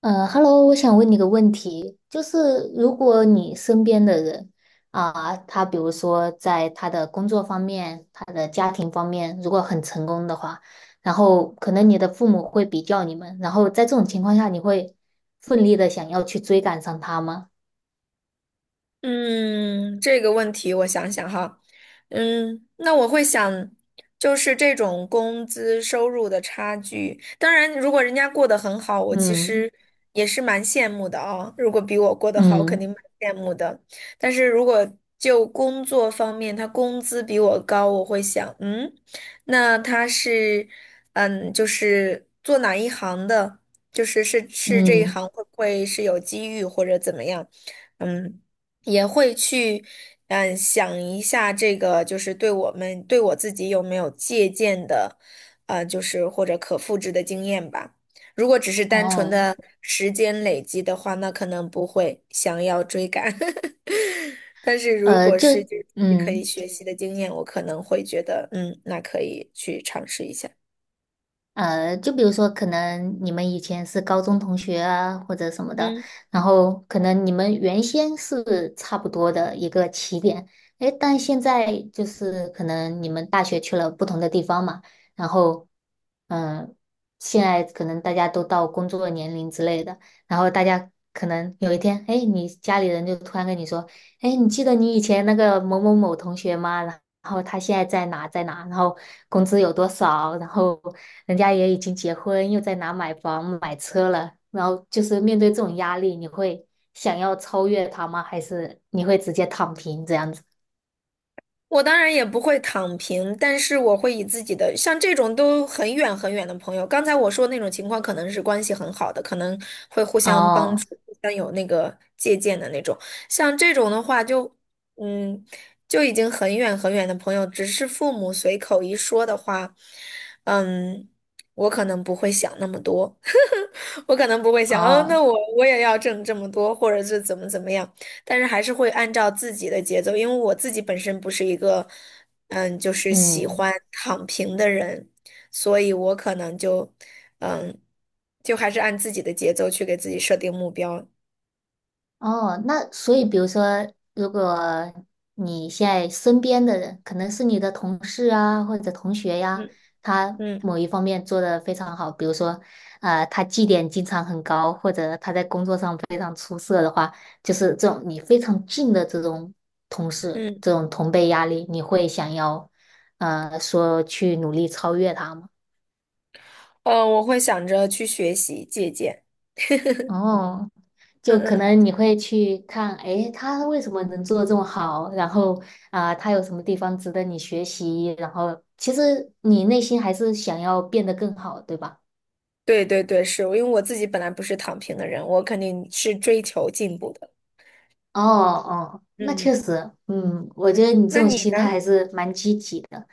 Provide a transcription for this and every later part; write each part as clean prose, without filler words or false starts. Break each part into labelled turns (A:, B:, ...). A: 嗯 hello 我想问你个问题，就是如果你身边的人啊，他比如说在他的工作方面、他的家庭方面，如果很成功的话，然后可能你的父母会比较你们，然后在这种情况下，你会奋力的想要去追赶上他吗？
B: 嗯，这个问题我想想哈，那我会想，就是这种工资收入的差距。当然，如果人家过得很好，我其
A: 嗯
B: 实也是蛮羡慕的啊。如果比我过得好，肯
A: 嗯
B: 定蛮羡慕的。但是如果就工作方面，他工资比我高，我会想，那他是，就是做哪一行的？就是这一
A: 嗯，
B: 行会不会是有机遇或者怎么样？嗯。也会去，想一下这个就是对我们对我自己有没有借鉴的，就是或者可复制的经验吧。如果只是单纯
A: 哦，
B: 的时间累积的话，那可能不会想要追赶。但是如
A: 呃，
B: 果是就
A: 就
B: 是可以
A: 嗯。
B: 学习的经验，我可能会觉得，那可以去尝试一下。
A: 就比如说，可能你们以前是高中同学啊，或者什么的，
B: 嗯。
A: 然后可能你们原先是差不多的一个起点，诶，但现在就是可能你们大学去了不同的地方嘛，然后，嗯、现在可能大家都到工作年龄之类的，然后大家可能有一天，诶，你家里人就突然跟你说，诶，你记得你以前那个某某某同学吗？然后他现在在哪在哪，然后工资有多少，然后。人家也已经结婚，又在哪买房买车了，然后就是面对这种压力，你会想要超越他吗？还是你会直接躺平这样子？
B: 我当然也不会躺平，但是我会以自己的，像这种都很远很远的朋友，刚才我说那种情况，可能是关系很好的，可能会互相帮
A: 哦
B: 助，互相有那个借鉴的那种。像这种的话就，嗯，就已经很远很远的朋友，只是父母随口一说的话，嗯，我可能不会想那么多。我可能不会想，
A: 哦，
B: 那我也要挣这么多，或者是怎么样，但是还是会按照自己的节奏，因为我自己本身不是一个，就是喜
A: 嗯。
B: 欢躺平的人，所以我可能就，嗯，就还是按自己的节奏去给自己设定目标。
A: 哦，那所以，比如说，如果你现在身边的人，可能是你的同事啊，或者同学呀，
B: 嗯
A: 他
B: 嗯
A: 某一方面做得非常好，比如说，他绩点经常很高，或者他在工作上非常出色的话，就是这种你非常近的这种同事，
B: 嗯。
A: 这种同辈压力，你会想要，说去努力超越他吗？
B: 我会想着去学习借鉴。
A: 哦，
B: 嗯
A: 就可
B: 嗯，
A: 能你会去看，诶，他为什么能做的这么好？然后啊，他有什么地方值得你学习？然后其实你内心还是想要变得更好，对吧？
B: 对对对，是因为我自己本来不是躺平的人，我肯定是追求进步的。
A: 哦哦，那
B: 嗯嗯。
A: 确实，嗯，我觉
B: 嗯
A: 得你这
B: 那
A: 种
B: 你
A: 心
B: 呢？
A: 态还是蛮积极的。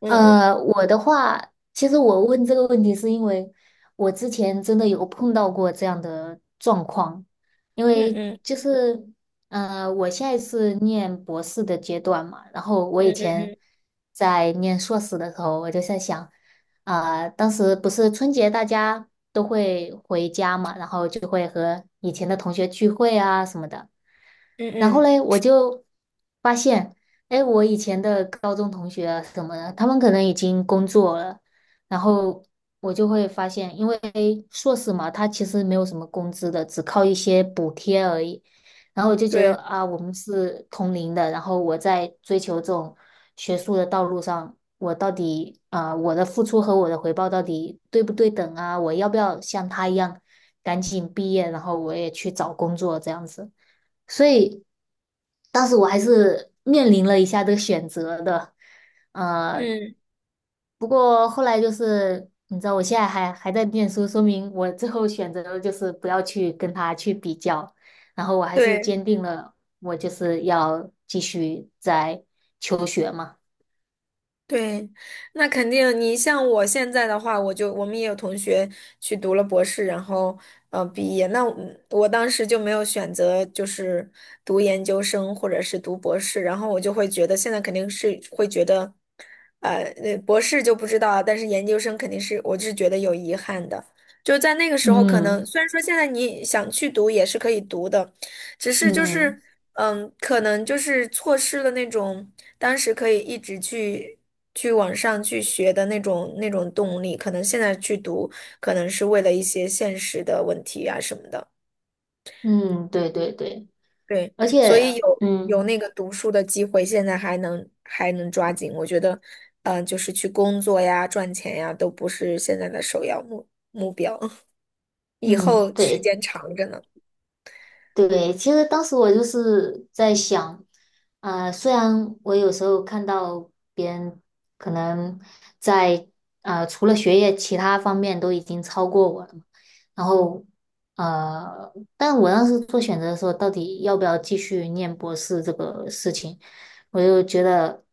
B: 嗯嗯
A: 我的话，其实我问这个问题是因为我之前真的有碰到过这样的状况，因
B: 嗯
A: 为
B: 嗯。
A: 就是，我现在是念博士的阶段嘛，然后我
B: 嗯
A: 以前
B: 嗯
A: 在念硕士的时候，我就在想，啊、当时不是春节大家都会回家嘛，然后就会和以前的同学聚会啊什么的。
B: 嗯
A: 然后
B: 嗯，
A: 嘞，我就发现，哎，我以前的高中同学啊什么的，他们可能已经工作了，然后我就会发现，因为硕士嘛，他其实没有什么工资的，只靠一些补贴而已。然后我就觉得
B: 对，
A: 啊，我们是同龄的，然后我在追求这种学术的道路上，我到底啊、我的付出和我的回报到底对不对等啊？我要不要像他一样赶紧毕业，然后我也去找工作这样子？所以当时我还是面临了一下这个选择的，呃，
B: 嗯
A: 不过后来就是你知道，我现在还在念书，说明我最后选择的就是不要去跟他去比较，然后我还是
B: 对，
A: 坚定了我就是要继续在求学嘛，
B: 对，那肯定。你像我现在的话，我们也有同学去读了博士，然后毕业。那我当时就没有选择，就是读研究生或者是读博士，然后我就会觉得现在肯定是会觉得，博士就不知道啊，但是研究生肯定是我是觉得有遗憾的。就在那个时候，可能
A: 嗯
B: 虽然说现在你想去读也是可以读的，只是就
A: 嗯
B: 是可能就是错失了那种。当时可以一直去往上去学的那种动力，可能现在去读，可能是为了一些现实的问题啊什么的。
A: 嗯，对对对，
B: 对，
A: 而
B: 所以
A: 且
B: 有那个读书的机会，现在还能抓紧。我觉得，就是去工作呀、赚钱呀，都不是现在的首要目标，以
A: 嗯
B: 后时
A: 对，
B: 间长着呢。
A: 对，其实当时我就是在想，啊，虽然我有时候看到别人可能在啊，除了学业其他方面都已经超过我了嘛，然后但我当时做选择的时候，到底要不要继续念博士这个事情，我就觉得，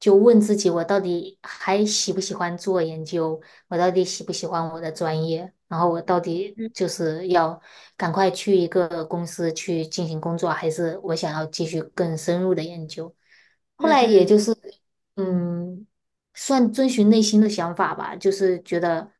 A: 就问自己，我到底还喜不喜欢做研究？我到底喜不喜欢我的专业？然后我到底
B: 嗯
A: 就是要赶快去一个公司去进行工作，还是我想要继续更深入的研究？后
B: 嗯
A: 来也
B: 嗯。
A: 就是，嗯，算遵循内心的想法吧，就是觉得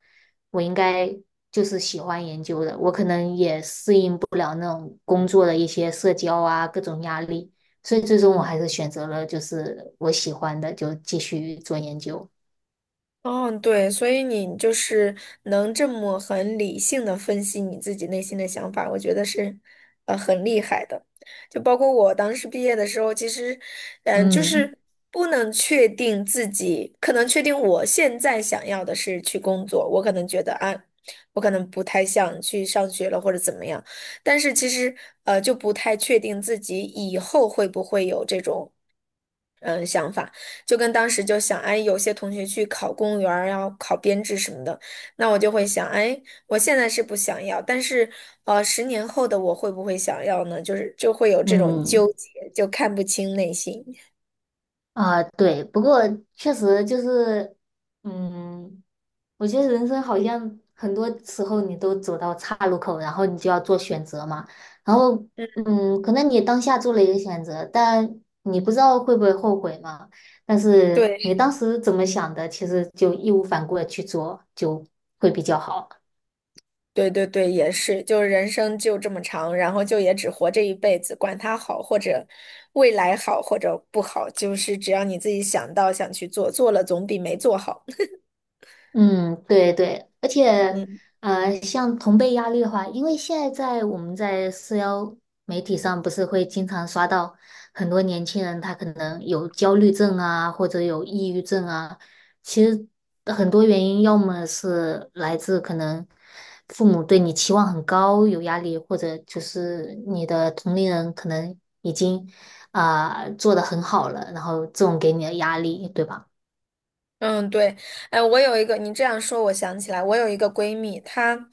A: 我应该就是喜欢研究的，我可能也适应不了那种工作的一些社交啊，各种压力。所以最终我还是选择了就是我喜欢的，就继续做研究。
B: 嗯，对，所以你就是能这么很理性的分析你自己内心的想法，我觉得是，很厉害的。就包括我当时毕业的时候，其实，就
A: 嗯
B: 是不能确定自己，可能确定我现在想要的是去工作，我可能觉得啊，我可能不太想去上学了或者怎么样，但是其实，就不太确定自己以后会不会有这种。想法。就跟当时就想，哎，有些同学去考公务员儿，要考编制什么的，那我就会想，哎，我现在是不想要，但是，10年后的我会不会想要呢？就是就会有这种纠
A: 嗯
B: 结，就看不清内心。
A: 啊，对，不过确实就是，嗯，我觉得人生好像很多时候你都走到岔路口，然后你就要做选择嘛。然后，
B: 嗯，
A: 嗯，可能你当下做了一个选择，但你不知道会不会后悔嘛。但是
B: 对，
A: 你当时怎么想的，其实就义无反顾的去做，就会比较好。
B: 对对对，也是，就是人生就这么长，然后就也只活这一辈子，管它好或者未来好或者不好，就是只要你自己想到想去做，做了总比没做好。
A: 嗯，对对，而且
B: 嗯。
A: 像同辈压力的话，因为现在在我们在社交媒体上，不是会经常刷到很多年轻人，他可能有焦虑症啊，或者有抑郁症啊。其实很多原因，要么是来自可能父母对你期望很高，有压力，或者就是你的同龄人可能已经啊、做得很好了，然后这种给你的压力，对吧？
B: 嗯，对，哎，我有一个，你这样说，我想起来，我有一个闺蜜，她，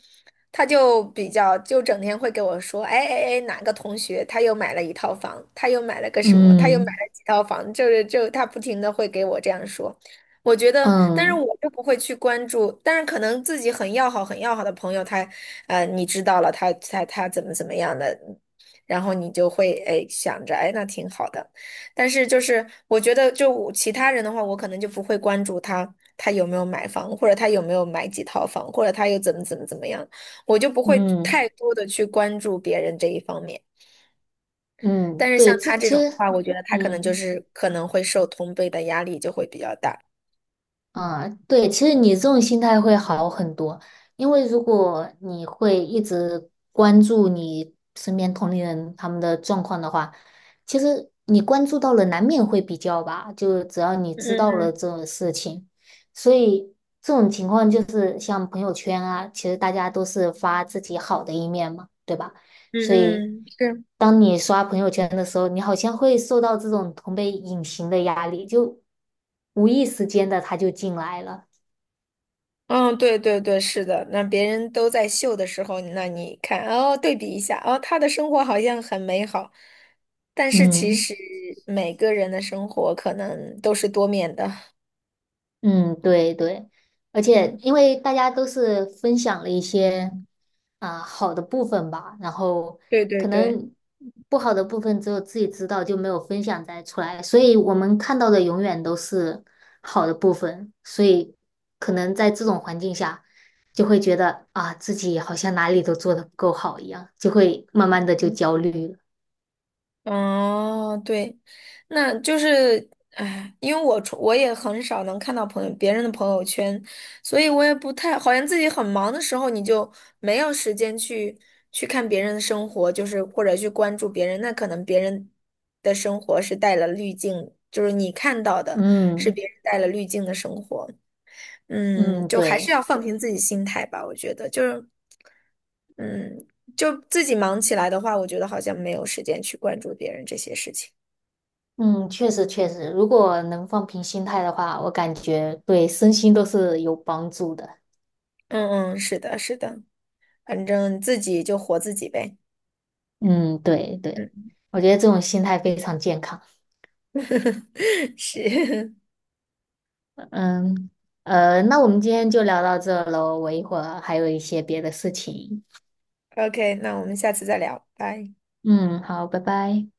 B: 她就比较，就整天会给我说，哎哎哎，哪个同学他又买了一套房，他又买了个什么，他又买
A: 嗯
B: 了几套房，就是就她不停的会给我这样说，我觉得，但是
A: 嗯。
B: 我就不会去关注，但是可能自己很要好、很要好的朋友，他，你知道了，他怎么样的，然后你就会哎想着，哎，那挺好的。但是就是我觉得，就我其他人的话，我可能就不会关注他有没有买房，或者他有没有买几套房，或者他又怎么样，我就不会
A: 嗯
B: 太多的去关注别人这一方面。但
A: 嗯，
B: 是像
A: 对，这
B: 他这
A: 其
B: 种的
A: 实，
B: 话，我觉得他可能就
A: 嗯
B: 是可能会受同辈的压力就会比较大。
A: 啊，对，其实你这种心态会好很多，因为如果你会一直关注你身边同龄人他们的状况的话，其实你关注到了，难免会比较吧。就只要你
B: 嗯
A: 知道了
B: 嗯
A: 这种事情，所以这种情况就是像朋友圈啊，其实大家都是发自己好的一面嘛，对吧？所以，
B: 嗯嗯，是。
A: 当你刷朋友圈的时候，你好像会受到这种同辈隐形的压力，就无意识间的他就进来了。
B: 嗯，对对对，是的。那别人都在秀的时候，那你看，哦，对比一下，哦，他的生活好像很美好，但是其
A: 嗯
B: 实每个人的生活可能都是多面的。
A: 嗯，对对，而
B: 嗯，
A: 且
B: 嗯
A: 因为大家都是分享了一些。啊、好的部分吧，然后
B: 对对
A: 可
B: 对。
A: 能不好的部分只有自己知道，就没有分享在出来，所以我们看到的永远都是好的部分，所以可能在这种环境下，就会觉得啊自己好像哪里都做的不够好一样，就会慢慢的就
B: 嗯。
A: 焦虑了。
B: 哦，对，那就是，哎，因为我也很少能看到朋友别人的朋友圈，所以我也不太，好像自己很忙的时候，你就没有时间去看别人的生活，就是或者去关注别人，那可能别人的生活是带了滤镜，就是你看到的是
A: 嗯
B: 别人带了滤镜的生活。
A: 嗯，
B: 就还是
A: 对，
B: 要放平自己心态吧，我觉得就是，嗯，就自己忙起来的话，我觉得好像没有时间去关注别人这些事情。
A: 嗯，确实确实，如果能放平心态的话，我感觉对身心都是有帮助的。
B: 嗯嗯，是的，是的，反正自己就活自己呗。
A: 嗯，对对，
B: 嗯，
A: 我觉得这种心态非常健康。
B: 是
A: 嗯，那我们今天就聊到这喽，我一会儿还有一些别的事情。
B: OK，那我们下次再聊，拜。
A: 嗯，好，拜拜。